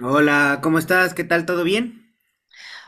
Hola, ¿cómo estás? ¿Qué tal? ¿Todo bien?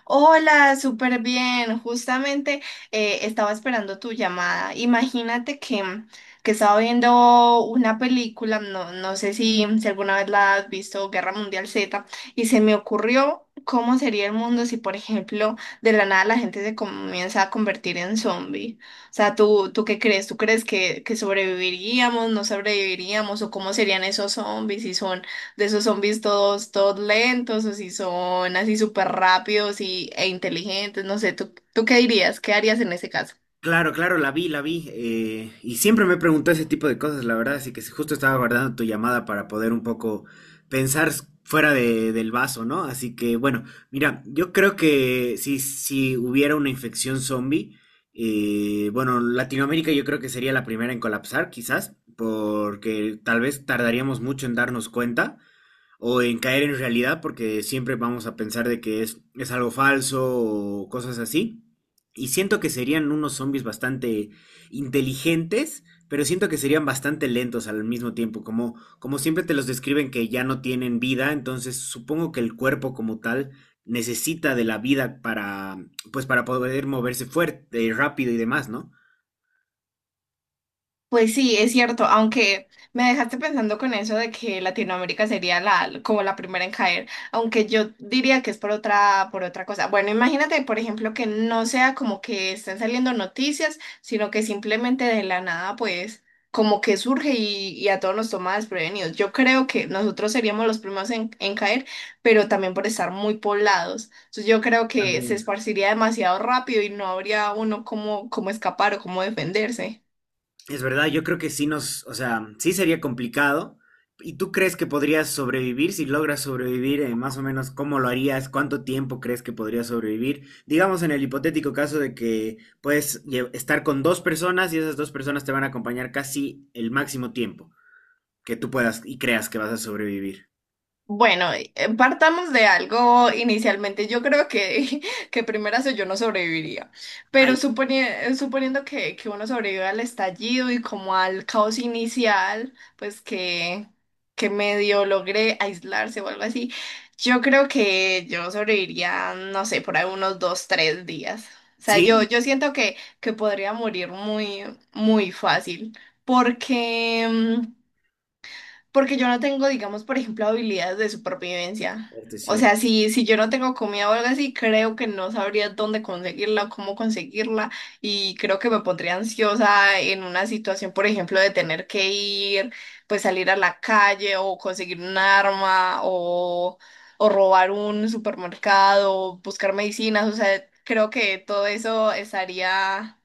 Hola, súper bien. Justamente estaba esperando tu llamada. Imagínate que que estaba viendo una película. No sé si alguna vez la has visto, Guerra Mundial Z, y se me ocurrió cómo sería el mundo si, por ejemplo, de la nada la gente se comienza a convertir en zombie. O sea, ¿tú ¿qué crees? ¿Tú crees que sobreviviríamos, no sobreviviríamos, o cómo serían esos zombies si son de esos zombies todos, todos lentos, o si son así súper rápidos e inteligentes? No sé, ¿tú ¿qué dirías? ¿Qué harías en ese caso? Claro, claro, la vi, la vi. Y siempre me preguntó ese tipo de cosas, la verdad, así que si justo estaba guardando tu llamada para poder un poco pensar fuera del vaso, ¿no? Así que, bueno, mira, yo creo que si hubiera una infección zombie, bueno, Latinoamérica yo creo que sería la primera en colapsar, quizás, porque tal vez tardaríamos mucho en darnos cuenta, o en caer en realidad, porque siempre vamos a pensar de que es algo falso o cosas así. Y siento que serían unos zombies bastante inteligentes, pero siento que serían bastante lentos al mismo tiempo, como, como siempre te los describen que ya no tienen vida, entonces supongo que el cuerpo como tal necesita de la vida para, pues para poder moverse fuerte, rápido y demás, ¿no? Pues sí, es cierto, aunque me dejaste pensando con eso de que Latinoamérica sería la, como la primera en caer, aunque yo diría que es por otra cosa. Bueno, imagínate, por ejemplo, que no sea como que estén saliendo noticias, sino que simplemente de la nada, pues, como que surge y a todos nos toma desprevenidos. Yo creo que nosotros seríamos los primeros en caer, pero también por estar muy poblados. Entonces yo creo que se También. esparciría demasiado rápido y no habría uno como, como escapar o cómo defenderse. Es verdad, yo creo que sí nos, o sea, sí sería complicado. ¿Y tú crees que podrías sobrevivir? Si logras sobrevivir, más o menos, ¿cómo lo harías? ¿Cuánto tiempo crees que podrías sobrevivir? Digamos en el hipotético caso de que puedes estar con dos personas y esas dos personas te van a acompañar casi el máximo tiempo que tú puedas y creas que vas a sobrevivir. Bueno, partamos de algo inicialmente. Yo creo que, que primero yo no sobreviviría, pero Ay, suponiendo que uno sobrevive al estallido y como al caos inicial, pues que medio logré aislarse o algo así, yo creo que yo sobreviviría, no sé, por ahí unos dos, tres días. O sea, ¿sí? yo siento que podría morir muy, muy fácil, porque... porque yo no tengo, digamos, por ejemplo, habilidades de supervivencia. Este O sí. sea, si yo no tengo comida o algo así, creo que no sabría dónde conseguirla o cómo conseguirla. Y creo que me pondría ansiosa en una situación, por ejemplo, de tener que ir, pues salir a la calle o conseguir un arma o robar un supermercado, buscar medicinas. O sea, creo que todo eso estaría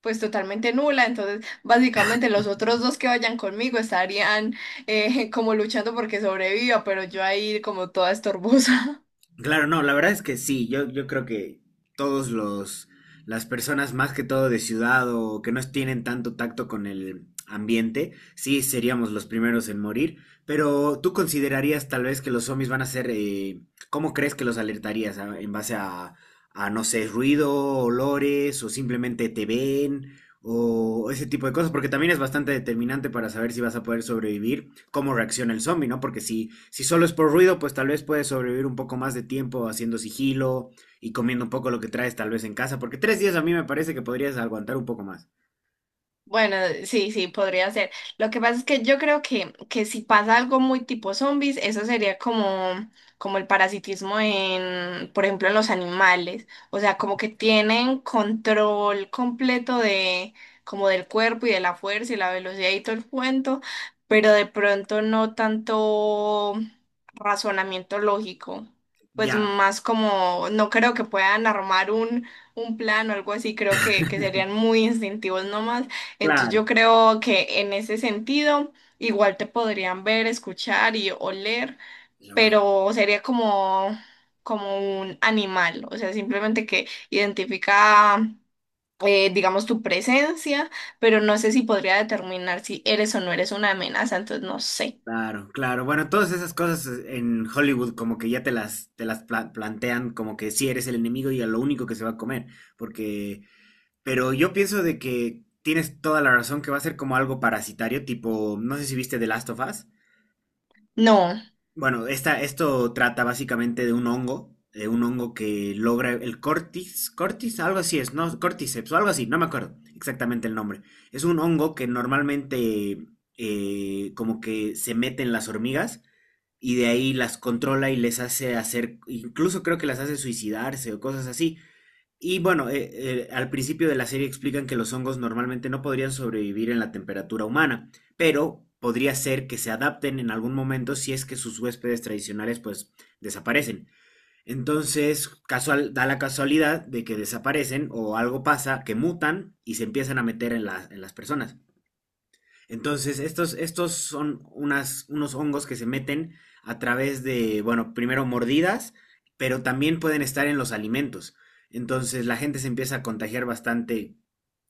pues totalmente nula, entonces básicamente los otros dos que vayan conmigo estarían como luchando porque sobreviva, pero yo ahí como toda estorbosa. Claro, no, la verdad es que sí, yo creo que todos los, las personas más que todo de ciudad o que no tienen tanto tacto con el ambiente, sí seríamos los primeros en morir, pero tú considerarías tal vez que los zombies van a ser, ¿cómo crees que los alertarías? ¿En base a, no sé, ruido, olores o simplemente te ven? O ese tipo de cosas, porque también es bastante determinante para saber si vas a poder sobrevivir, cómo reacciona el zombie, ¿no? Porque si solo es por ruido, pues tal vez puedes sobrevivir un poco más de tiempo haciendo sigilo y comiendo un poco lo que traes tal vez en casa, porque tres días a mí me parece que podrías aguantar un poco más. Bueno, sí, sí, podría ser. Lo que pasa es que yo creo que si pasa algo muy tipo zombies, eso sería como, como el parasitismo en, por ejemplo, en los animales. O sea, como que tienen control completo de, como del cuerpo y de la fuerza y la velocidad y todo el cuento, pero de pronto no tanto razonamiento lógico. Pues Ya, más como, no creo que puedan armar un plan o algo así, creo que serían muy instintivos nomás. Entonces claro. yo creo que en ese sentido igual te podrían ver, escuchar y oler, Ya voy. pero sería como, como un animal. O sea, simplemente que identifica, digamos, tu presencia, pero no sé si podría determinar si eres o no eres una amenaza, entonces no sé. Claro, claro. Bueno, todas esas cosas, en Hollywood como que ya te las plantean como que si eres el enemigo y a lo único que se va a comer, porque... Pero yo pienso de que tienes toda la razón que va a ser como algo parasitario, tipo, no sé si viste The Last of Us. No, Bueno, esta, esto trata básicamente de un hongo que logra el cortis, cortis, algo así es, ¿no? Corticeps o algo así, no me acuerdo exactamente el nombre. Es un hongo que normalmente, como que se mete en las hormigas y de ahí las controla y les hace hacer, incluso creo que las hace suicidarse o cosas así. Y bueno, al principio de la serie explican que los hongos normalmente no podrían sobrevivir en la temperatura humana, pero podría ser que se adapten en algún momento si es que sus huéspedes tradicionales pues desaparecen. Entonces, casual, da la casualidad de que desaparecen o algo pasa, que mutan y se empiezan a meter en en las personas. Entonces, estos, estos son unas, unos hongos que se meten a través de, bueno, primero mordidas, pero también pueden estar en los alimentos. Entonces, la gente se empieza a contagiar bastante,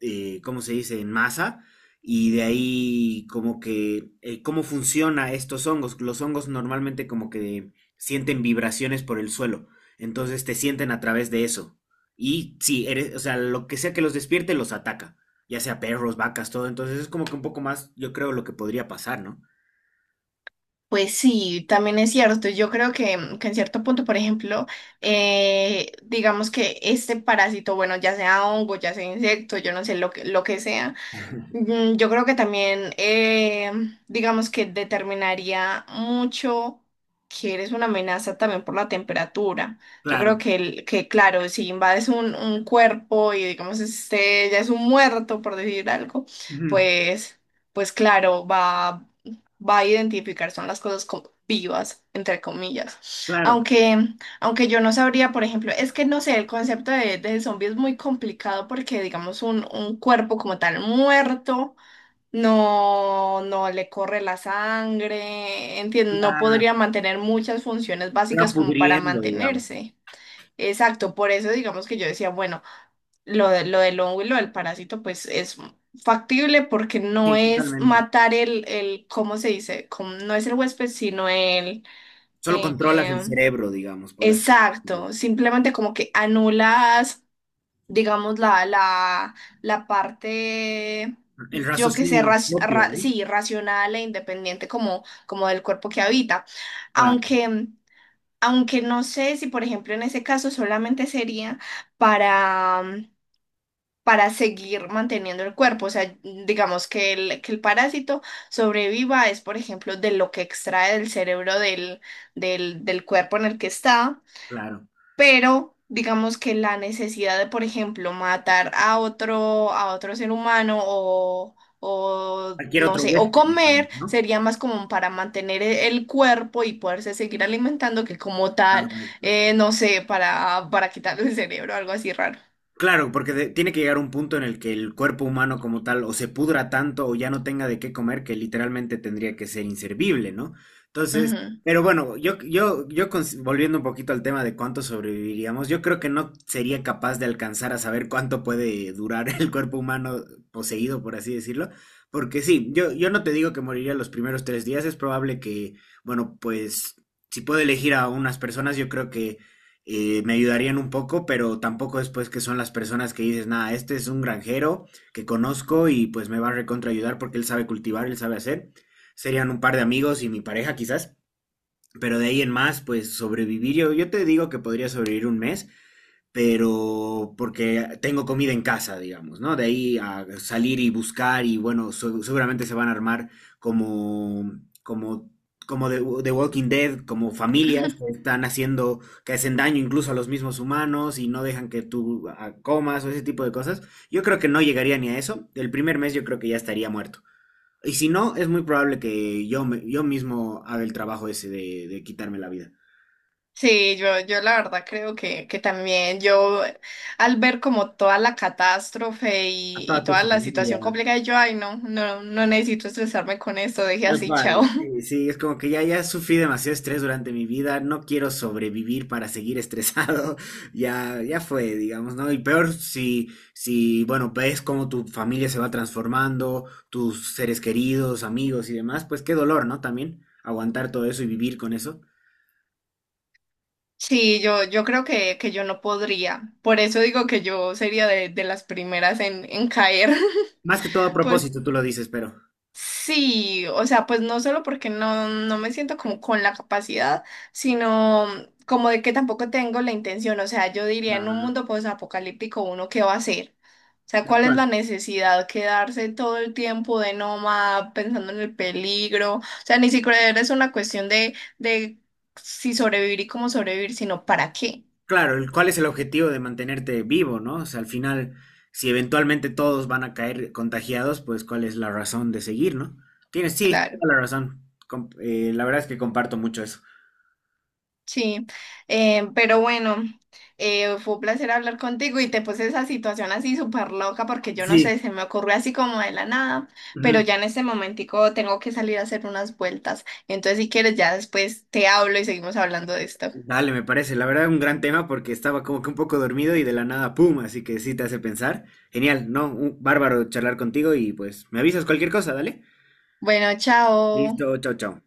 ¿cómo se dice?, en masa. Y de ahí como que, ¿cómo funciona estos hongos? Los hongos normalmente como que sienten vibraciones por el suelo. Entonces te sienten a través de eso. Y sí, eres, o sea, lo que sea que los despierte los ataca, ya sea perros, vacas, todo. Entonces es como que un poco más, yo creo, lo que podría pasar, ¿no? pues sí, también es cierto. Yo creo que en cierto punto, por ejemplo, digamos que este parásito, bueno, ya sea hongo, ya sea insecto, yo no sé lo lo que sea. Yo creo que también, digamos que determinaría mucho que eres una amenaza también por la temperatura. Yo Claro, creo que claro, si invades un cuerpo y digamos este ya es un muerto, por decir algo, ujú, pues, pues claro, va, va a identificar, son las cosas como vivas, entre comillas. claro, Aunque aunque yo no sabría, por ejemplo, es que no sé, el concepto de zombie es muy complicado porque, digamos, un cuerpo como tal muerto no le corre la sangre, entiendo, no la- podría mantener muchas funciones se va básicas como para pudriendo, digamos. mantenerse. Exacto, por eso digamos que yo decía, bueno, lo, lo del hongo y lo del parásito, pues es factible porque no Sí, es totalmente. matar el, ¿cómo se dice? No es el huésped, sino el... Solo controlas el em, cerebro, digamos, por así decirlo. exacto, simplemente como que anulas, digamos, la parte, El yo que sé, raciocinio propio, ¿no? sí, racional e independiente como, como del cuerpo que habita. Claro, Aunque, aunque no sé si, por ejemplo, en ese caso solamente sería para, para seguir manteniendo el cuerpo. O sea, digamos que el parásito sobreviva es, por ejemplo, de lo que extrae del cerebro del, del, del cuerpo en el que está. claro. Pero digamos que la necesidad de, por ejemplo, matar a otro ser humano o Cualquier no otro sé, o huésped, comer digamos, ¿no? sería más como para mantener el cuerpo y poderse seguir alimentando que como tal, no sé, para quitarle el cerebro, algo así raro. Claro, porque tiene que llegar un punto en el que el cuerpo humano como tal o se pudra tanto o ya no tenga de qué comer que literalmente tendría que ser inservible, ¿no? Entonces, Ujú. pero bueno, yo, volviendo un poquito al tema de cuánto sobreviviríamos, yo creo que no sería capaz de alcanzar a saber cuánto puede durar el cuerpo humano poseído, por así decirlo, porque sí, yo no te digo que moriría los primeros tres días, es probable que, bueno, pues si puedo elegir a unas personas, yo creo que, me ayudarían un poco, pero tampoco después que son las personas que dices, nada, este es un granjero que conozco y pues me va a recontra ayudar porque él sabe cultivar, él sabe hacer. Serían un par de amigos y mi pareja quizás, pero de ahí en más, pues sobrevivir, yo te digo que podría sobrevivir un mes, pero porque tengo comida en casa, digamos, ¿no? De ahí a salir y buscar y bueno, seguramente se van a armar como, como, como de Walking Dead, como familias que están haciendo, que hacen daño incluso a los mismos humanos y no dejan que tú ah, comas o ese tipo de cosas. Yo creo que no llegaría ni a eso. El primer mes yo creo que ya estaría muerto. Y si no, es muy probable que yo, yo mismo haga el trabajo ese de quitarme la vida. Sí, yo la verdad creo que también yo al ver como toda la catástrofe A y toda tu toda la familia. situación complicada, yo, ay, no, no, no necesito estresarme con esto, deje Tal así, chao. cual. Sí, sí, es como que ya, ya sufrí demasiado estrés durante mi vida, no quiero sobrevivir para seguir estresado, ya, ya fue, digamos, ¿no? Y peor si, si, bueno, ves cómo tu familia se va transformando, tus seres queridos, amigos y demás, pues qué dolor, ¿no? También aguantar todo eso y vivir con eso. Sí, yo creo que yo no podría. Por eso digo que yo sería de las primeras en caer. Más que todo a Pues propósito, tú lo dices, pero... sí. O sea, pues no solo porque no me siento como con la capacidad, sino como de que tampoco tengo la intención. O sea, yo diría en un Ah, mundo posapocalíptico, ¿uno qué va a hacer? O sea, tal ¿cuál es cual. la necesidad? Quedarse todo el tiempo de nómada pensando en el peligro. O sea, ni siquiera es una cuestión de si sobrevivir y cómo sobrevivir, sino para qué. Claro, el, ¿cuál es el objetivo de mantenerte vivo, no? O sea, al final, si eventualmente todos van a caer contagiados, pues ¿cuál es la razón de seguir, no? Tienes, sí, Claro. toda la razón. La verdad es que comparto mucho eso. Sí, pero bueno, fue un placer hablar contigo y te puse esa situación así súper loca porque yo no Sí. sé, se me ocurrió así como de la nada, pero Ujú. ya en este momentico tengo que salir a hacer unas vueltas. Entonces, si quieres, ya después te hablo y seguimos hablando de esto. Dale, me parece. La verdad, un gran tema porque estaba como que un poco dormido y de la nada, ¡pum! Así que sí te hace pensar. Genial, ¿no? Un bárbaro charlar contigo y pues me avisas cualquier cosa, dale. Bueno, Listo, chao. chao, chao.